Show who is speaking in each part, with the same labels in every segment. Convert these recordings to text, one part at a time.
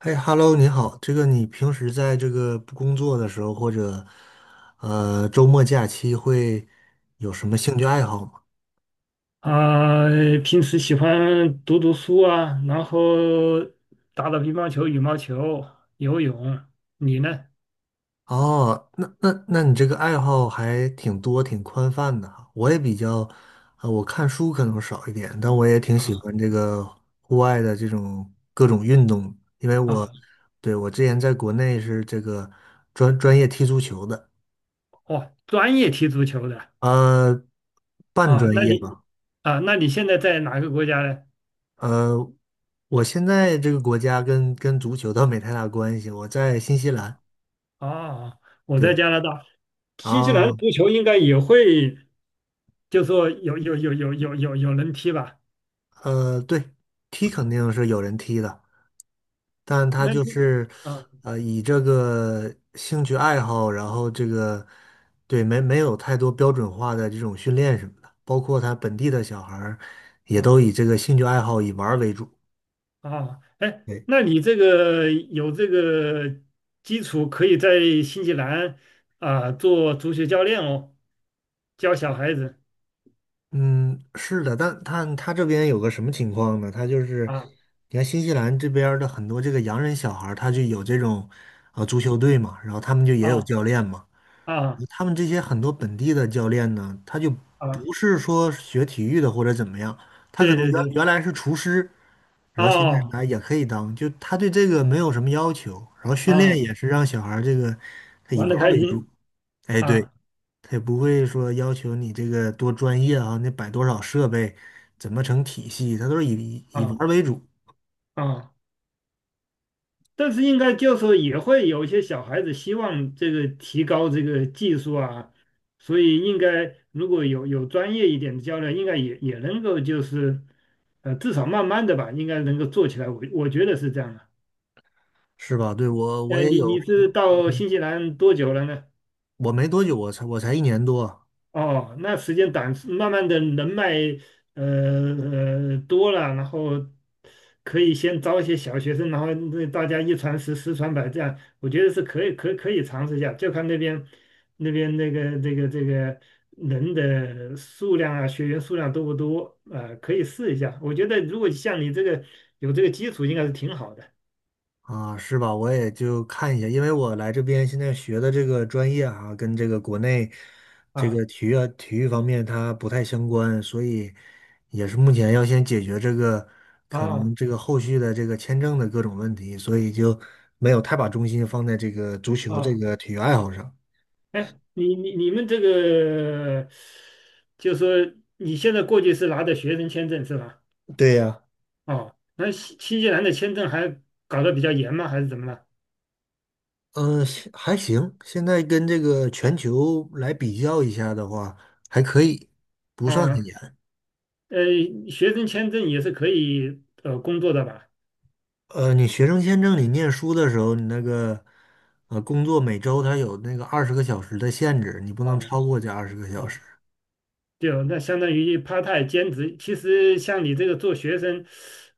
Speaker 1: 嘿，Hello，你好。这个你平时在这个不工作的时候，或者周末假期，会有什么兴趣爱好吗？
Speaker 2: 啊，平时喜欢读读书啊，然后打打乒乓球、羽毛球、游泳。你呢？
Speaker 1: 哦，那你这个爱好还挺多，挺宽泛的哈。我也比较，我看书可能少一点，但我也挺喜
Speaker 2: 啊
Speaker 1: 欢这个户外的这种各种运动，因为我，
Speaker 2: 啊，
Speaker 1: 对，我之前在国内是这个专业踢足球的，
Speaker 2: 哦，专业踢足球的
Speaker 1: 呃，半
Speaker 2: 啊？
Speaker 1: 专业吧。
Speaker 2: 那你现在在哪个国家呢？
Speaker 1: 呃，我现在这个国家跟足球倒没太大关系，我在新西兰。
Speaker 2: 哦，我在
Speaker 1: 对，
Speaker 2: 加拿大，新西兰
Speaker 1: 啊，
Speaker 2: 足球应该也会，就说有人踢吧？
Speaker 1: 对，踢肯定是有人踢的，但他
Speaker 2: 那
Speaker 1: 就
Speaker 2: 你
Speaker 1: 是
Speaker 2: 啊
Speaker 1: 以这个兴趣爱好，然后这个，对，没有太多标准化的这种训练什么的，包括他本地的小孩儿也都
Speaker 2: 啊
Speaker 1: 以这个兴趣爱好以玩儿为主。
Speaker 2: 啊，哎，
Speaker 1: 对。
Speaker 2: 那你这个有这个基础，可以在新西兰做足球教练哦，教小孩子
Speaker 1: 嗯，是的，但他这边有个什么情况呢？他就是，
Speaker 2: 啊
Speaker 1: 你看新西兰这边儿的很多这个洋人小孩儿他就有这种足球队嘛，然后他们就也有
Speaker 2: 啊
Speaker 1: 教练嘛。
Speaker 2: 啊
Speaker 1: 他们这些很多本地的教练呢，他就
Speaker 2: 啊，
Speaker 1: 不是说学体育的或者怎么样，他可
Speaker 2: 对
Speaker 1: 能
Speaker 2: 对
Speaker 1: 原
Speaker 2: 对，
Speaker 1: 原来是厨师，然后现在
Speaker 2: 哦
Speaker 1: 来也可以当，就他对这个没有什么要求，然后训练
Speaker 2: 啊，
Speaker 1: 也是让小孩儿这个他以
Speaker 2: 玩
Speaker 1: 玩
Speaker 2: 的
Speaker 1: 儿
Speaker 2: 开
Speaker 1: 为主。
Speaker 2: 心
Speaker 1: 哎，对。
Speaker 2: 啊
Speaker 1: 他也不会说要求你这个多专业啊，你摆多少设备，怎么成体系，他都是以玩
Speaker 2: 啊
Speaker 1: 儿为主，
Speaker 2: 啊。但是应该就是说也会有一些小孩子希望这个提高这个技术啊，所以应该如果有专业一点的教练，应该也能够就是至少慢慢的吧，应该能够做起来。我觉得是这样的。
Speaker 1: 是吧？对，我也
Speaker 2: 你
Speaker 1: 有，
Speaker 2: 你是到新西兰多久了呢？
Speaker 1: 我没多久，我才一年多，
Speaker 2: 哦，那时间短，慢慢的人脉呃多了，然后可以先招一些小学生，然后那大家一传十，十传百，这样我觉得是可以，可以尝试一下，就看那边那个这个人的数量啊，学员数量多不多啊，可以试一下。我觉得如果像你这个有这个基础，应该是挺好的
Speaker 1: 啊，是吧？我也就看一下，因为我来这边现在学的这个专业啊，跟这个国内这个
Speaker 2: 啊
Speaker 1: 体育方面它不太相关，所以也是目前要先解决这个可能
Speaker 2: 啊
Speaker 1: 这个后续的这个签证的各种问题，所以就没有太把重心放在这个足球这
Speaker 2: 啊。
Speaker 1: 个体育爱好上。
Speaker 2: 哎，你们这个，就说你现在过去是拿的学生签证是吧？
Speaker 1: 对呀，
Speaker 2: 哦，那新西兰的签证还搞得比较严吗？还是怎么了？
Speaker 1: 嗯，现还行，现在跟这个全球来比较一下的话，还可以，不算很
Speaker 2: 哦，
Speaker 1: 严。
Speaker 2: 呃，学生签证也是可以工作的吧？
Speaker 1: 你学生签证，你念书的时候，你那个工作每周它有那个二十个小时的限制，你不能
Speaker 2: 哦
Speaker 1: 超过这二十个小时
Speaker 2: 哦，就那相当于 part time 兼职。其实像你这个做学生，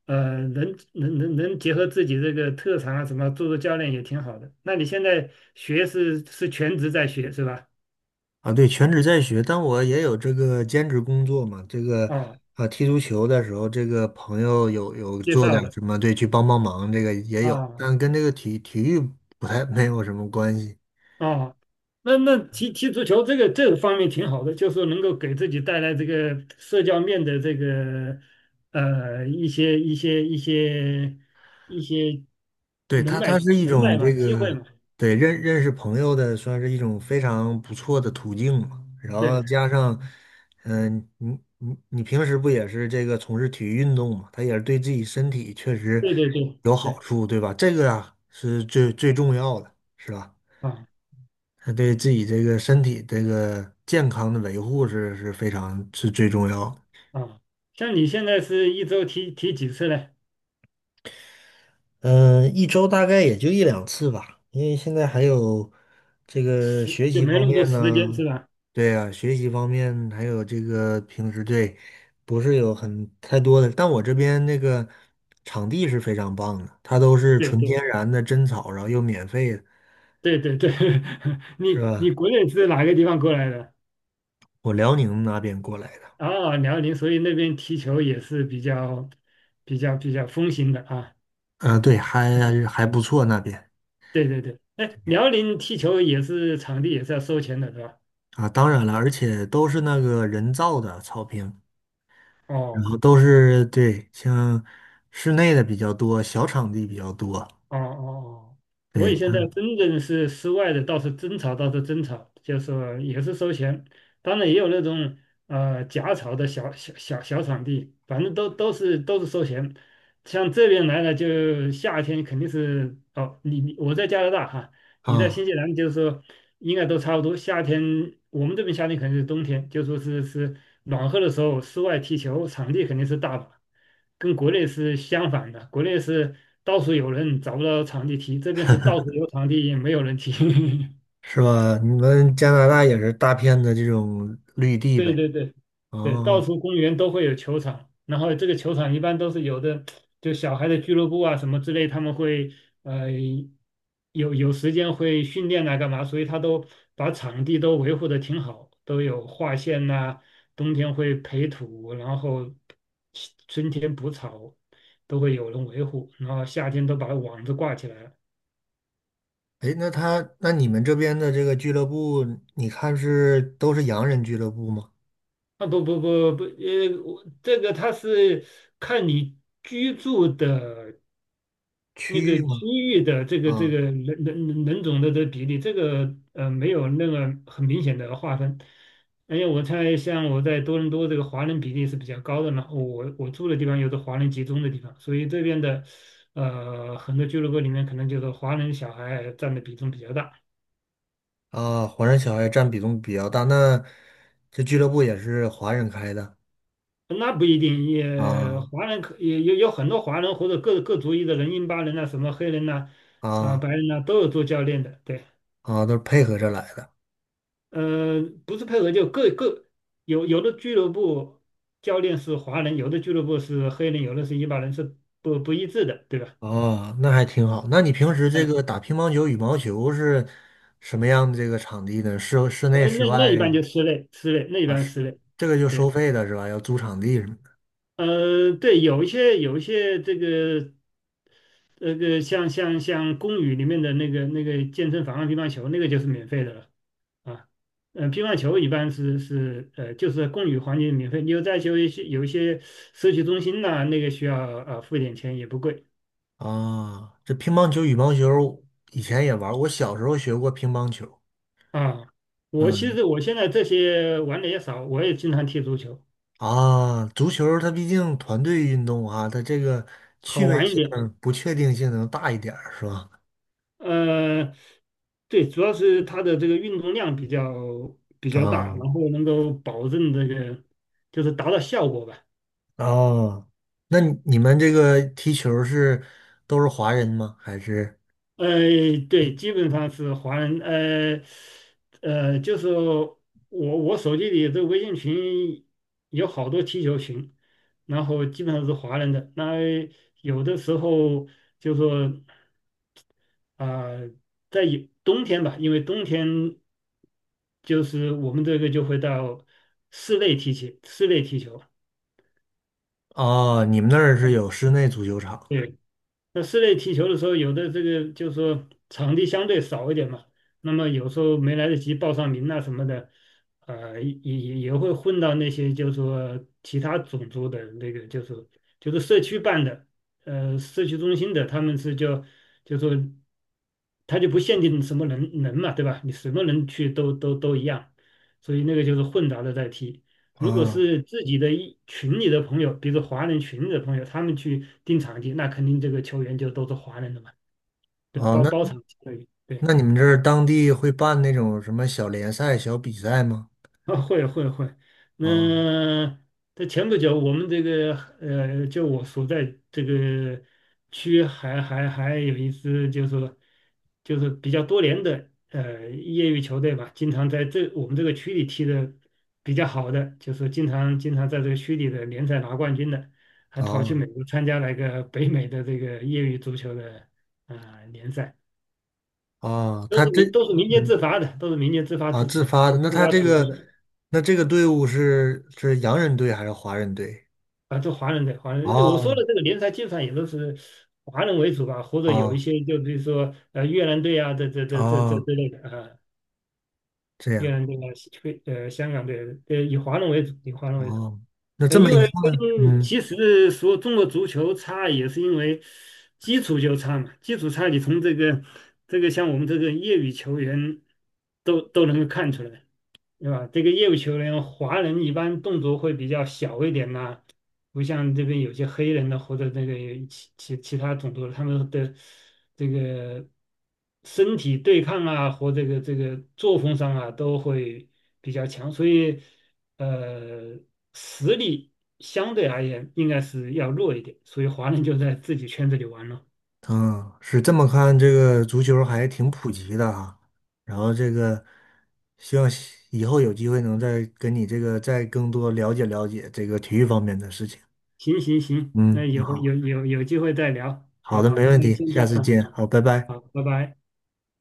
Speaker 2: 能结合自己这个特长啊什么，做做教练也挺好的。那你现在学是全职在学是吧？
Speaker 1: 啊。对，全职在学，但我也有这个兼职工作嘛。这个
Speaker 2: 哦，
Speaker 1: 啊，踢足球的时候，这个朋友有
Speaker 2: 介
Speaker 1: 做点
Speaker 2: 绍的。
Speaker 1: 什么，对，去帮帮忙，这个也有，
Speaker 2: 啊
Speaker 1: 但跟这个体育不太没有什么关系。
Speaker 2: 啊，那踢踢足球这个方面挺好的，就是能够给自己带来这个社交面的这个呃一些一些一些一些
Speaker 1: 对，
Speaker 2: 人
Speaker 1: 它
Speaker 2: 脉
Speaker 1: 它
Speaker 2: 人
Speaker 1: 是一
Speaker 2: 脉
Speaker 1: 种
Speaker 2: 吧，
Speaker 1: 这
Speaker 2: 机会
Speaker 1: 个，
Speaker 2: 嘛。
Speaker 1: 对，认识朋友的，算是一种非常不错的途径嘛。然后
Speaker 2: 对
Speaker 1: 加上，嗯，你平时不也是这个从事体育运动嘛？它也是对自己身体确实
Speaker 2: 对对对
Speaker 1: 有好
Speaker 2: 对
Speaker 1: 处，对吧？这个啊是最重要的，是吧？
Speaker 2: 啊
Speaker 1: 它对自己这个身体这个健康的维护是非常是最重要的。
Speaker 2: 啊，像你现在是一周踢踢几次呢？
Speaker 1: 嗯，一周大概也就一两次吧，因为现在还有这个
Speaker 2: 时
Speaker 1: 学
Speaker 2: 就
Speaker 1: 习
Speaker 2: 没
Speaker 1: 方
Speaker 2: 那么多
Speaker 1: 面
Speaker 2: 时间是
Speaker 1: 呢，
Speaker 2: 吧？
Speaker 1: 对啊，学习方面还有这个平时对，不是有很太多的，但我这边那个场地是非常棒的，它都是
Speaker 2: 对
Speaker 1: 纯天
Speaker 2: 对
Speaker 1: 然的真草，然后又免费的，
Speaker 2: 对对对，
Speaker 1: 是
Speaker 2: 你
Speaker 1: 吧？
Speaker 2: 国内是哪个地方过来的？
Speaker 1: 我辽宁那边过来的，
Speaker 2: 啊，辽宁，所以那边踢球也是比较风行的啊。
Speaker 1: 嗯，对，还不错那边
Speaker 2: 对对对，哎，辽宁踢球也是场地也是要收钱的，是吧？
Speaker 1: 啊，当然了，而且都是那个人造的草坪，然
Speaker 2: 哦
Speaker 1: 后都是对，像室内的比较多，小场地比较多。
Speaker 2: 哦哦哦，我
Speaker 1: 对
Speaker 2: 以前在深圳是室外的，倒是真草，倒是真草，就是说也是收钱，当然也有那种假草的小场地，反正都是收钱。像这边来了，就夏天肯定是哦，你我在加拿大哈，你在新
Speaker 1: 啊，
Speaker 2: 西兰就是说应该都差不多。夏天我们这边夏天肯定是冬天，就说是暖和的时候，室外踢球场地肯定是大把，跟国内是相反的。国内是到处有人找不到场地踢，这边是到处有场地也没有人踢。
Speaker 1: 是吧？你们加拿大也是大片的这种绿地
Speaker 2: 对
Speaker 1: 呗？
Speaker 2: 对对对，到
Speaker 1: 哦，
Speaker 2: 处公园都会有球场，然后这个球场一般都是有的，就小孩的俱乐部啊什么之类，他们会呃有时间会训练啊干嘛，所以他都把场地都维护的挺好，都有划线呐、冬天会培土，然后春天补草，都会有人维护，然后夏天都把网子挂起来了。
Speaker 1: 哎，那你们这边的这个俱乐部，你看是都是洋人俱乐部吗？
Speaker 2: 啊不不不不，我这个它是看你居住的。
Speaker 1: 区
Speaker 2: 那
Speaker 1: 域
Speaker 2: 个
Speaker 1: 吗？
Speaker 2: 区域的这个这
Speaker 1: 啊，
Speaker 2: 个人种的这个比例，这个没有那个很明显的划分。而且我猜，像我在多伦多这个华人比例是比较高的呢，我住的地方有是华人集中的地方，所以这边的很多俱乐部里面可能就是华人小孩占的比重比较大。
Speaker 1: 啊，华人小孩占比重比较大，那这俱乐部也是华人开的
Speaker 2: 那不一定，也
Speaker 1: 啊，
Speaker 2: 华人可也有很多华人或者各族裔的人，印巴人呐、什么黑人呐、
Speaker 1: 啊，
Speaker 2: 白人呐、都有做教练的，对。
Speaker 1: 啊，都是配合着来的。
Speaker 2: 不是配合，就有的俱乐部教练是华人，有的俱乐部是黑人，有的是伊巴人，是不一致的，对吧？
Speaker 1: 哦，那还挺好。那你平时这
Speaker 2: 嗯，
Speaker 1: 个打乒乓球、羽毛球是什么样的这个场地呢？室内、室
Speaker 2: 那
Speaker 1: 外，
Speaker 2: 那一般就室内，室内那一般室内，
Speaker 1: 这个就收
Speaker 2: 对，
Speaker 1: 费的是吧？要租场地什么的。
Speaker 2: 对，有一些这个，那个像公寓里面的那个健身房啊乒乓球那个就是免费的了。啊，嗯，乒乓球一般是就是公寓环境免费。你在有一些社区中心呐、那个需要付一点钱，也不贵
Speaker 1: 啊，这乒乓球、羽毛球以前也玩儿我小时候学过乒乓球。
Speaker 2: 啊。其
Speaker 1: 嗯，
Speaker 2: 实我现在这些玩的也少，我也经常踢足球，
Speaker 1: 啊，足球它毕竟团队运动啊，它这个趣
Speaker 2: 好
Speaker 1: 味
Speaker 2: 玩一
Speaker 1: 性、
Speaker 2: 点。
Speaker 1: 不确定性能大一点儿是吧？
Speaker 2: 呃，对，主要是它的这个运动量比较大，
Speaker 1: 啊，
Speaker 2: 然后能够保证这个就是达到效果吧。
Speaker 1: 哦，那你们这个踢球是都是华人吗？还是？
Speaker 2: 呃，对，基本上是华人，就是我手机里这个微信群有好多踢球群，然后基本上是华人的。那有的时候就说啊、呃有冬天吧，因为冬天就是我们这个就会到室内踢球，室内踢球。
Speaker 1: 哦，你们那儿是有室内足球场的
Speaker 2: 对。那室内踢球的时候，有的这个就是说场地相对少一点嘛，那么有时候没来得及报上名啊什么的，也会混到那些就是说其他种族的那个，就是社区办的，社区中心的，他们是叫就说他就不限定什么人嘛，对吧？你什么人去都一样，所以那个就是混杂的在踢。如果
Speaker 1: 啊？
Speaker 2: 是自己的一群里的朋友，比如说华人群里的朋友，他们去订场地，那肯定这个球员就都是华人的嘛，对，
Speaker 1: 哦，
Speaker 2: 包
Speaker 1: 那
Speaker 2: 包场球员对
Speaker 1: 那你们这儿当地会办那种什么小联赛、小比赛吗？
Speaker 2: 啊，会会会，那
Speaker 1: 啊，
Speaker 2: 在前不久，我们这个就我所在这个区还有一支就是说就是比较多年的业余球队吧，经常在这我们这个区里踢的比较好的，就是经常在这个区里的联赛拿冠军的，还跑去美
Speaker 1: 啊，
Speaker 2: 国参加了一个北美的这个业余足球的联赛，
Speaker 1: 啊！
Speaker 2: 都是民间自
Speaker 1: 嗯
Speaker 2: 发的，都是民间自发自
Speaker 1: 自
Speaker 2: 主
Speaker 1: 发的，那
Speaker 2: 自
Speaker 1: 他
Speaker 2: 发
Speaker 1: 这
Speaker 2: 组织
Speaker 1: 个
Speaker 2: 的。
Speaker 1: 那这个队伍是洋人队还是华人队？
Speaker 2: 啊，就华人，我说
Speaker 1: 哦，
Speaker 2: 的这个联赛基本上也都是华人为主吧，或者有一
Speaker 1: 哦，
Speaker 2: 些就比如说越南队啊，这
Speaker 1: 哦，
Speaker 2: 之类的啊，
Speaker 1: 这
Speaker 2: 越
Speaker 1: 样
Speaker 2: 南队啊，西非香港队，以华人为主，以华人为主。
Speaker 1: 哦，那这么
Speaker 2: 因
Speaker 1: 一
Speaker 2: 为
Speaker 1: 看，
Speaker 2: 跟
Speaker 1: 嗯。
Speaker 2: 其实说中国足球差，也是因为基础就差嘛，基础差你从这个像我们这个业余球员都能够看出来。对吧？这个业务球员，华人一般动作会比较小一点呐、不像这边有些黑人的或者那个其他种族的，他们的这个身体对抗啊，和这个作风上啊，都会比较强，所以呃，实力相对而言应该是要弱一点，所以华人就在自己圈子里玩了。
Speaker 1: 嗯，是这么看，这个足球还挺普及的哈。然后这个，希望西以后有机会能再跟你这个再更多了解了解这个体育方面的事情。
Speaker 2: 行行行，那
Speaker 1: 嗯，
Speaker 2: 以
Speaker 1: 那
Speaker 2: 后
Speaker 1: 好，
Speaker 2: 有机会再聊，
Speaker 1: 好
Speaker 2: 好，
Speaker 1: 的，没问
Speaker 2: 那
Speaker 1: 题，
Speaker 2: 先这
Speaker 1: 下
Speaker 2: 样
Speaker 1: 次
Speaker 2: 啊，
Speaker 1: 见，
Speaker 2: 好，
Speaker 1: 好，拜拜。
Speaker 2: 好，拜拜。